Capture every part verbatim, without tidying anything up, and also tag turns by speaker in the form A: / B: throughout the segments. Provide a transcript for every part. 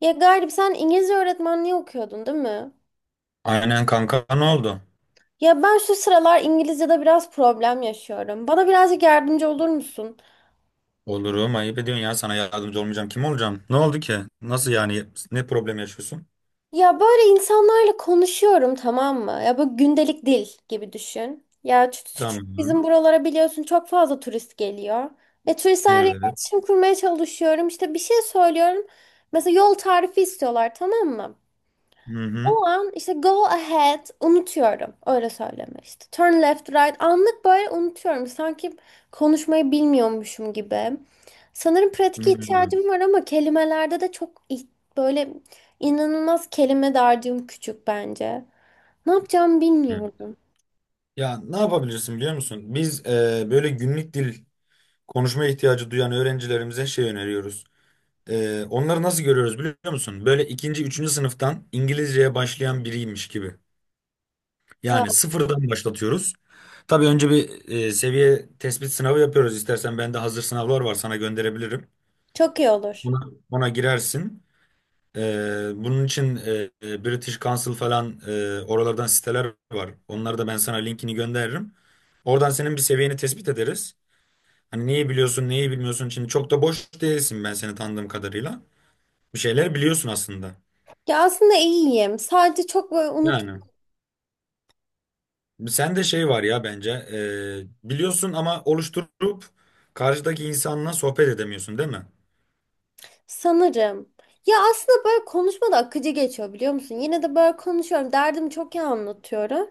A: Ya Galip sen İngilizce öğretmenliği okuyordun değil mi?
B: Aynen kanka ne oldu?
A: Ya ben şu sıralar İngilizce'de biraz problem yaşıyorum. Bana birazcık yardımcı olur musun?
B: Olurum ayıp ediyorsun ya sana yardımcı olmayacağım. Kim olacağım? Ne oldu ki? Nasıl yani? Ne problem yaşıyorsun?
A: Ya böyle insanlarla konuşuyorum, tamam mı? Ya bu gündelik dil gibi düşün. Ya ç- ç- ç- bizim
B: Tamam.
A: buralara biliyorsun çok fazla turist geliyor. Ve turistlerle
B: Evet.
A: iletişim kurmaya çalışıyorum. İşte bir şey söylüyorum. Mesela yol tarifi istiyorlar, tamam mı?
B: Hı hı.
A: O an işte go ahead unutuyorum. Öyle söyleme işte. Turn left right anlık böyle unutuyorum. Sanki konuşmayı bilmiyormuşum gibi. Sanırım
B: Hı
A: pratik
B: hı.
A: ihtiyacım var ama kelimelerde de çok ih- böyle inanılmaz, kelime dağarcığım küçük bence. Ne yapacağımı bilmiyorum.
B: Ya ne yapabilirsin biliyor musun? Biz e, böyle günlük dil konuşma ihtiyacı duyan öğrencilerimize şey öneriyoruz. E, onları nasıl görüyoruz biliyor musun? Böyle ikinci, üçüncü sınıftan İngilizceye başlayan biriymiş gibi.
A: Ya,
B: Yani sıfırdan başlatıyoruz. Tabii önce bir e, seviye tespit sınavı yapıyoruz. İstersen bende hazır sınavlar var sana gönderebilirim.
A: çok iyi olur.
B: Buna Ona girersin. E, bunun için e, e, British Council falan e, oralardan siteler var. Onları da ben sana linkini gönderirim. Oradan senin bir seviyeni tespit ederiz. Hani neyi biliyorsun, neyi bilmiyorsun. Şimdi çok da boş değilsin ben seni tanıdığım kadarıyla. Bir şeyler biliyorsun aslında.
A: Ya aslında iyiyim. Sadece çok böyle unut
B: Yani. Sende şey var ya bence e, biliyorsun ama oluşturup karşıdaki insanla sohbet edemiyorsun değil mi?
A: sanırım. Ya aslında böyle konuşma da akıcı geçiyor biliyor musun? Yine de böyle konuşuyorum. Derdimi çok iyi anlatıyorum.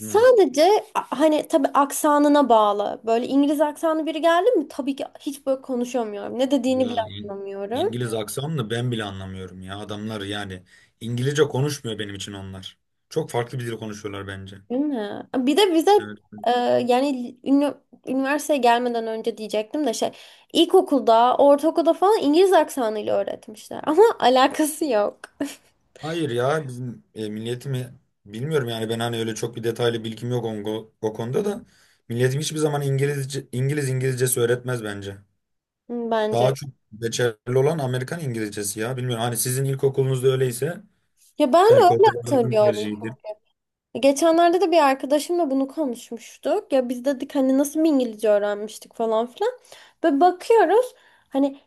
B: Hı.
A: a- hani tabii aksanına bağlı. Böyle İngiliz aksanı biri geldi mi tabii ki hiç böyle konuşamıyorum. Ne dediğini bile
B: Ya İng-
A: anlamıyorum.
B: İngiliz aksanını ben bile anlamıyorum ya adamlar yani İngilizce konuşmuyor benim için onlar. Çok farklı bir dil konuşuyorlar bence.
A: Değil mi? Bir de bize
B: Evet.
A: e, yani ünü- üniversiteye gelmeden önce diyecektim de şey, ilkokulda, ortaokulda falan İngiliz aksanıyla öğretmişler. Ama alakası yok.
B: Hayır ya bizim e, milletimi bilmiyorum yani ben hani öyle çok bir detaylı bilgim yok o, o konuda da milletim hiçbir zaman İngilizce İngiliz İngilizcesi öğretmez bence.
A: Hı, bence de.
B: Daha çok geçerli olan Amerikan İngilizcesi ya. Bilmiyorum hani sizin ilkokulunuzda öyleyse
A: Ya ben
B: belki
A: öyle
B: hocalarınızın
A: hatırlıyorum.
B: tercihidir.
A: Geçenlerde de bir arkadaşımla bunu konuşmuştuk. Ya biz dedik hani nasıl bir İngilizce öğrenmiştik falan filan. Ve bakıyoruz. Hani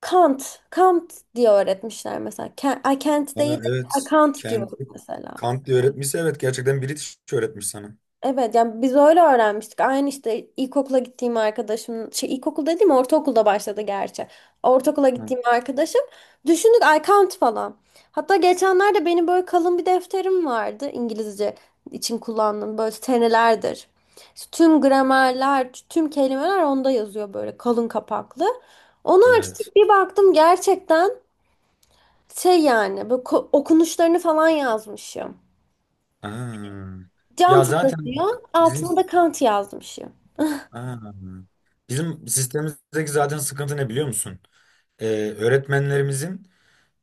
A: Kant, Kant diye öğretmişler mesela. Kent, ay Kent
B: Ha,
A: değil de
B: evet.
A: Kant
B: Kendi
A: diyorduk mesela.
B: Kantli öğretmişse evet gerçekten British öğretmiş sana.
A: Evet yani biz öyle öğrenmiştik. Aynı işte ilkokula gittiğim arkadaşım, şey, ilkokul dediğim ortaokulda başladı gerçi. Ortaokula
B: Ha,
A: gittiğim arkadaşım, düşündük ay Kant falan. Hatta geçenlerde benim böyle kalın bir defterim vardı, İngilizce için kullandığım böyle senelerdir. İşte tüm gramerler, tüm kelimeler onda yazıyor, böyle kalın kapaklı. Onu
B: evet.
A: açtık, bir baktım gerçekten şey yani böyle ko- okunuşlarını falan yazmışım.
B: Aa. Ya
A: Cantı'da
B: zaten
A: diyor.
B: bak bizim
A: Altına da Kant yazmışım.
B: Aa. Bizim sistemimizdeki zaten sıkıntı ne biliyor musun? Ee, Öğretmenlerimizin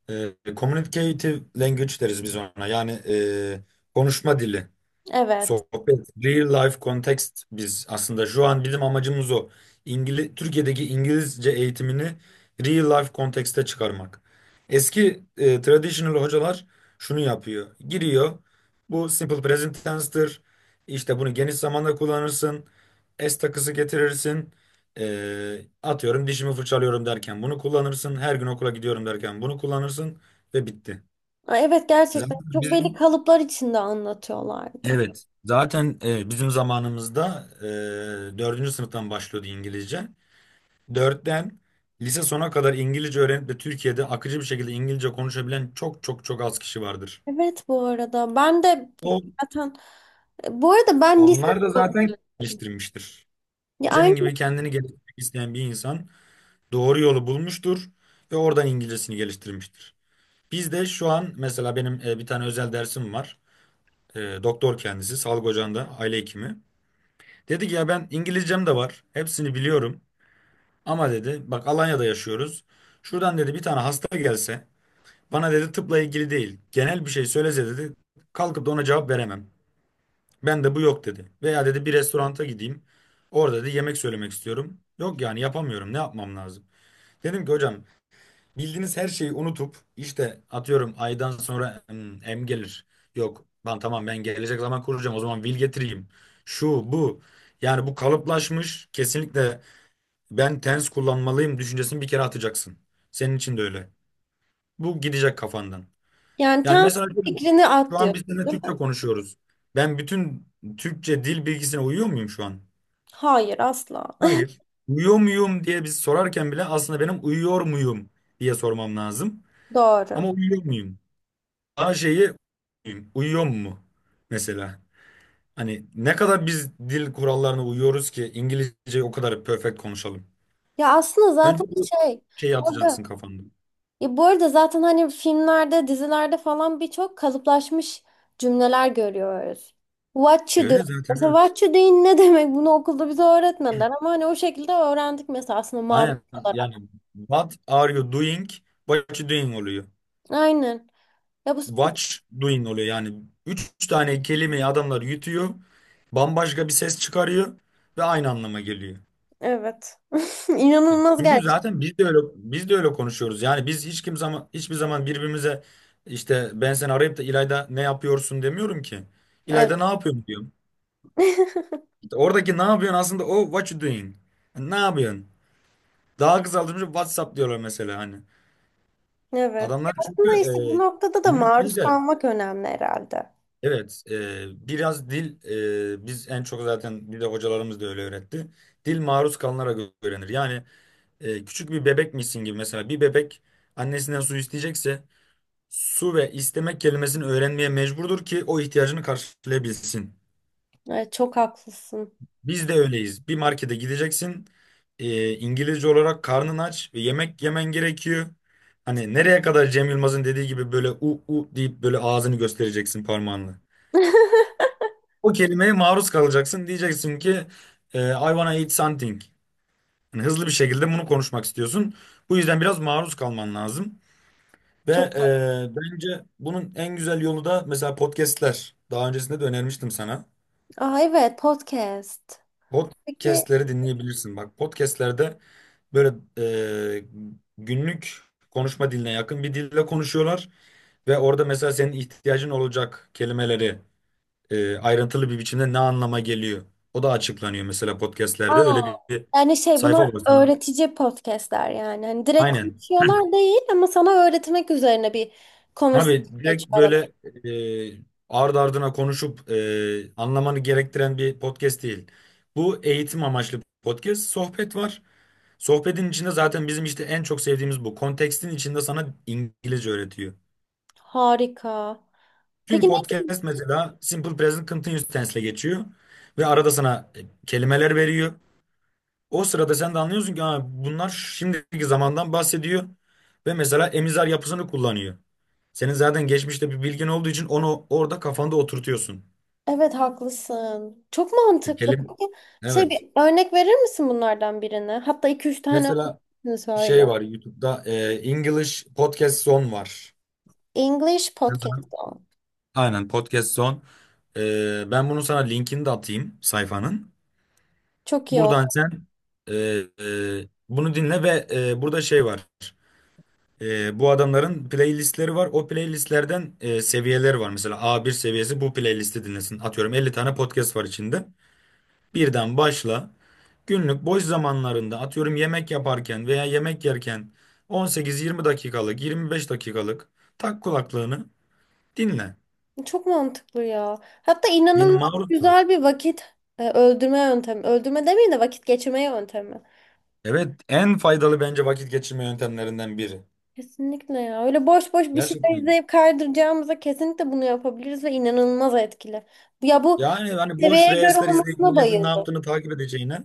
B: e, communicative language deriz biz ona. Yani e, konuşma dili.
A: Evet.
B: Sohbet, real life context biz aslında şu an bizim amacımız o. İngiliz, Türkiye'deki İngilizce eğitimini real life kontekste çıkarmak. Eski e, traditional hocalar şunu yapıyor. Giriyor. Bu simple present tense'tir. İşte bunu geniş zamanda kullanırsın. S takısı getirirsin. E, atıyorum dişimi fırçalıyorum derken bunu kullanırsın. Her gün okula gidiyorum derken bunu kullanırsın ve bitti.
A: Ay, evet, gerçekten
B: Zaten
A: çok
B: biz
A: belli kalıplar içinde anlatıyorlardı.
B: Evet. Zaten e, bizim zamanımızda e, dördüncü sınıftan başlıyordu İngilizce. Dörtten lise sona kadar İngilizce öğrenip de Türkiye'de akıcı bir şekilde İngilizce konuşabilen çok çok çok az kişi vardır.
A: Evet bu arada ben de
B: O
A: bi- zaten e, bu arada ben lise,
B: Onlar da zaten geliştirmiştir.
A: ya
B: Senin
A: aynı
B: gibi kendini geliştirmek isteyen bir insan doğru yolu bulmuştur ve oradan İngilizcesini geliştirmiştir. Biz de şu an mesela benim e, bir tane özel dersim var. E, doktor kendisi, sağlık ocağında aile hekimi. Dedi ki ya ben İngilizcem de var. Hepsini biliyorum. Ama dedi bak Alanya'da yaşıyoruz. Şuradan dedi bir tane hasta gelse bana dedi tıpla ilgili değil genel bir şey söylese dedi kalkıp da ona cevap veremem. Ben de bu yok dedi. Veya dedi bir restoranta gideyim orada dedi yemek söylemek istiyorum. Yok yani yapamıyorum ne yapmam lazım. Dedim ki hocam bildiğiniz her şeyi unutup işte atıyorum aydan sonra hmm, em gelir. Yok ben tamam ben gelecek zaman kuracağım o zaman vil getireyim. Şu bu yani bu kalıplaşmış kesinlikle ben tens kullanmalıyım düşüncesini bir kere atacaksın. Senin için de öyle. Bu gidecek kafandan.
A: yani
B: Yani
A: ters
B: mesela şöyle,
A: fikrini
B: şu an
A: atlıyor
B: biz seninle
A: değil
B: Türkçe
A: mi?
B: konuşuyoruz. Ben bütün Türkçe dil bilgisine uyuyor muyum şu an?
A: Hayır, asla.
B: Hayır. Uyuyor muyum diye biz sorarken bile aslında benim uyuyor muyum diye sormam lazım.
A: Doğru.
B: Ama uyuyor muyum? A şeyi uyuyor uyuyor mu mesela? Hani ne kadar biz dil kurallarına uyuyoruz ki İngilizceyi o kadar perfect konuşalım.
A: Ya aslında
B: Önce
A: zaten
B: bu
A: şey
B: şeyi atacaksın
A: burada,
B: kafanda.
A: ya bu arada zaten hani filmlerde, dizilerde falan birçok kalıplaşmış cümleler görüyoruz. What
B: E
A: you doing?
B: Öyle zaten
A: Mesela
B: evet.
A: what you doing ne demek? Bunu okulda bize öğretmediler ama hani o şekilde öğrendik mesela, aslında maruz
B: Aynen yani
A: olarak.
B: what are you doing? What you doing oluyor.
A: Aynen. Ya bu, bu-
B: Watch doing oluyor yani. Üç tane kelimeyi adamlar yutuyor. Bambaşka bir ses çıkarıyor ve aynı anlama geliyor.
A: evet.
B: E,
A: İnanılmaz,
B: Çünkü
A: gerçek.
B: zaten biz de öyle biz de öyle konuşuyoruz. Yani biz hiç kim zaman hiçbir zaman birbirimize işte ben seni arayıp da İlayda ne yapıyorsun demiyorum ki.
A: Evet.
B: İlayda ne yapıyorsun diyorum. İşte oradaki ne yapıyorsun aslında o what you doing. E, Ne yapıyorsun? Daha kısaltılmış WhatsApp diyorlar mesela hani.
A: Evet. Ya
B: Adamlar çünkü
A: aslında işte bu
B: e,
A: noktada da
B: günlük
A: maruz
B: dil de
A: kalmak önemli herhalde.
B: evet e, biraz dil e, biz en çok zaten bir de hocalarımız da öyle öğretti. Dil maruz kalınarak öğrenir. Yani e, küçük bir bebekmişsin gibi mesela bir bebek annesinden su isteyecekse su ve istemek kelimesini öğrenmeye mecburdur ki o ihtiyacını karşılayabilsin.
A: Evet, çok haklısın.
B: Biz de öyleyiz. Bir markete gideceksin. Ee, İngilizce olarak karnın aç ve yemek yemen gerekiyor. Hani nereye kadar Cem Yılmaz'ın dediği gibi böyle u u deyip böyle ağzını göstereceksin parmağınla. O kelimeye maruz kalacaksın. Diyeceksin ki e, I wanna eat something. Yani hızlı bir şekilde bunu konuşmak istiyorsun. Bu yüzden biraz maruz kalman lazım. Ve
A: Çok haklısın.
B: e, bence bunun en güzel yolu da mesela podcastler. Daha öncesinde de önermiştim sana.
A: Aa evet, podcast. Peki.
B: Podcast'leri dinleyebilirsin. Bak podcast'lerde böyle e, günlük konuşma diline yakın bir dille konuşuyorlar ve orada mesela senin ihtiyacın olacak kelimeleri e, ayrıntılı bir biçimde ne anlama geliyor. O da açıklanıyor mesela podcast'lerde.
A: Aa,
B: Öyle bir, bir
A: yani şey,
B: sayfa
A: bunlar
B: var sana.
A: öğretici podcastler yani. Hani direkt
B: Aynen.
A: konuşuyorlar değil ama sana öğretmek üzerine bir conversation
B: Abi
A: geçiyor
B: direkt
A: aralarında.
B: böyle e, ardı ardına konuşup e, anlamanı gerektiren bir podcast değil. Bu eğitim amaçlı podcast, sohbet var. Sohbetin içinde zaten bizim işte en çok sevdiğimiz bu. Kontekstin içinde sana İngilizce öğretiyor.
A: Harika.
B: Tüm
A: Peki ne?
B: podcast mesela Simple Present Continuous Tense'le geçiyor. Ve arada sana e, kelimeler veriyor. O sırada sen de anlıyorsun ki ha, bunlar şimdiki zamandan bahsediyor. Ve mesela emizar yapısını kullanıyor. Senin zaten geçmişte bir bilgin olduğu için onu orada kafanda oturtuyorsun.
A: Evet, haklısın. Çok
B: E,
A: mantıklı.
B: kelim
A: Peki şey, bir
B: Evet.
A: örnek verir misin bunlardan birine? Hatta iki üç tane
B: Mesela
A: örnek
B: şey
A: söyle.
B: var YouTube'da e, English Podcast Zone var.
A: English podcast o.
B: Aynen podcast son. Ee, ben bunu sana linkini de atayım sayfanın.
A: Çok iyi.
B: Buradan sen e, e, bunu dinle ve e, burada şey var. E, bu adamların playlistleri var. O playlistlerden e, seviyeleri var. Mesela a bir seviyesi bu playlisti dinlesin. Atıyorum elli tane podcast var içinde. Birden başla. Günlük boş zamanlarında atıyorum yemek yaparken veya yemek yerken on sekiz yirmi dakikalık, yirmi beş dakikalık tak kulaklığını dinle.
A: Çok mantıklı ya. Hatta
B: Yani
A: inanılmaz
B: maruz kal.
A: güzel bir vakit e, öldürme yöntemi. Öldürme demeyeyim de vakit geçirme yöntemi.
B: Evet, en faydalı bence vakit geçirme yöntemlerinden biri.
A: Kesinlikle ya. Öyle boş boş bir şeyler
B: Gerçekten.
A: izleyip kaydıracağımıza kesinlikle bunu yapabiliriz ve inanılmaz etkili. Ya bu
B: Yani hani boş
A: seviyeye göre
B: reels'ler izleyip
A: olmasına
B: milletin ne
A: bayıldım.
B: yaptığını takip edeceğine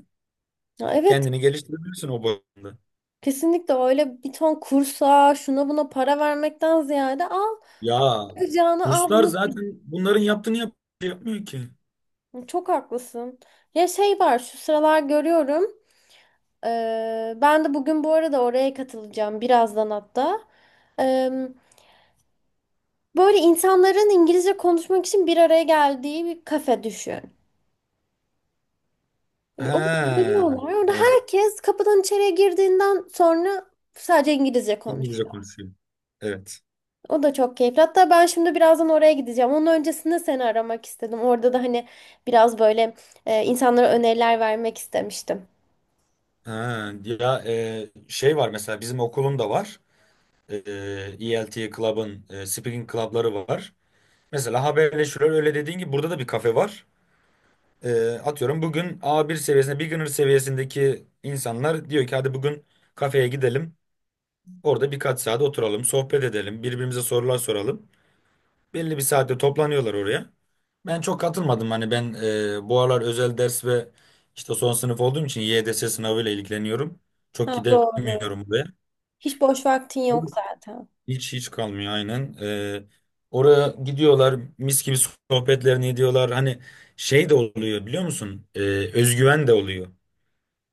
A: Ya evet.
B: kendini geliştirebilirsin o bağlamda.
A: Kesinlikle, öyle bir ton kursa şuna buna para vermekten ziyade al.
B: Ya
A: Yapacağını al
B: kurslar
A: bunu.
B: zaten bunların yaptığını yap yapmıyor ki.
A: Çok haklısın. Ya şey var, şu sıralar görüyorum. Ee, ben de bugün bu arada oraya katılacağım birazdan hatta. Ee, böyle insanların İngilizce konuşmak için bir araya geldiği bir kafe düşün. Orada
B: Ha,
A: geliyorlar. Orada
B: evet.
A: herkes kapıdan içeriye girdiğinden sonra sadece İngilizce.
B: İngilizce konuşuyor. Evet.
A: O da çok keyifli. Hatta ben şimdi birazdan oraya gideceğim. Onun öncesinde seni aramak istedim. Orada da hani biraz böyle e, insanlara öneriler vermek istemiştim.
B: Ha, ya e, şey var mesela bizim okulun da var. E, ELT Club'ın e, speaking club'ları var. Mesela haberleşiyorlar öyle dediğin gibi burada da bir kafe var. Ee, atıyorum bugün a bir seviyesinde, beginner seviyesindeki insanlar diyor ki hadi bugün kafeye gidelim. Orada birkaç saat oturalım, sohbet edelim, birbirimize sorular soralım. Belli bir saatte toplanıyorlar oraya. Ben çok katılmadım. Hani ben e, bu aralar özel ders ve işte son sınıf olduğum için Y D S sınavıyla ilgileniyorum. Çok
A: Ha, doğru.
B: gidemiyorum buraya.
A: Hiç boş vaktin yok zaten.
B: Hiç hiç kalmıyor aynen. Ee, oraya gidiyorlar, mis gibi sohbetlerini ediyorlar. Hani şey de oluyor biliyor musun? Ee, özgüven de oluyor.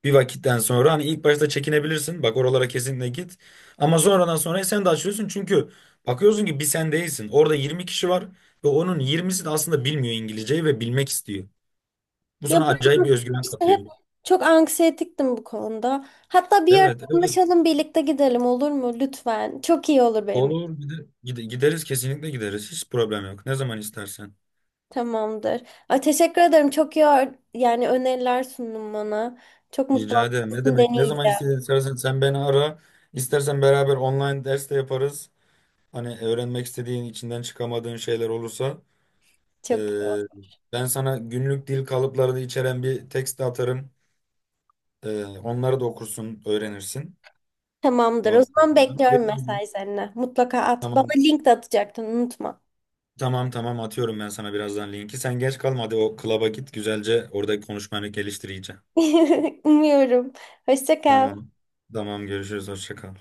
B: Bir vakitten sonra hani ilk başta çekinebilirsin. Bak oralara kesinlikle git. Ama sonradan sonra sen de açıyorsun. Çünkü bakıyorsun ki bir sen değilsin. Orada yirmi kişi var ve onun yirmisi de aslında bilmiyor İngilizceyi ve bilmek istiyor. Bu
A: Ya
B: sana acayip
A: ben
B: bir özgüven
A: işte
B: katıyor.
A: hep çok anksiyetiktim bu konuda. Hatta bir ara
B: Evet, evet.
A: anlaşalım, birlikte gidelim, olur mu lütfen? Çok iyi olur benim için.
B: Olur. Bir de gide- gideriz kesinlikle gideriz. Hiç problem yok. Ne zaman istersen.
A: Tamamdır. Ay, teşekkür ederim. Çok iyi ör- yani öneriler sundun bana. Çok mutlu
B: Rica
A: oldum.
B: ederim. Ne
A: Kesin
B: demek? Ne zaman
A: deneyeceğim.
B: istediğin- istersen sen beni ara. İstersen beraber online ders de yaparız. Hani öğrenmek istediğin, içinden çıkamadığın şeyler olursa, Ee,
A: Çok iyi oldu.
B: ben sana günlük dil kalıplarını içeren bir tekst atarım. Ee, onları da okursun, öğrenirsin.
A: Tamamdır. O
B: Ondan
A: zaman
B: sonra
A: bekliyorum
B: dediğim gibi-
A: mesajlarını. Mutlaka at. Bana
B: Tamam,
A: link de atacaktın, unutma.
B: tamam, tamam, atıyorum ben sana birazdan linki. Sen geç kalma hadi o klaba git güzelce oradaki konuşmanı geliştireceğim.
A: Umuyorum. Hoşça kal.
B: Tamam, tamam görüşürüz, hoşça kal.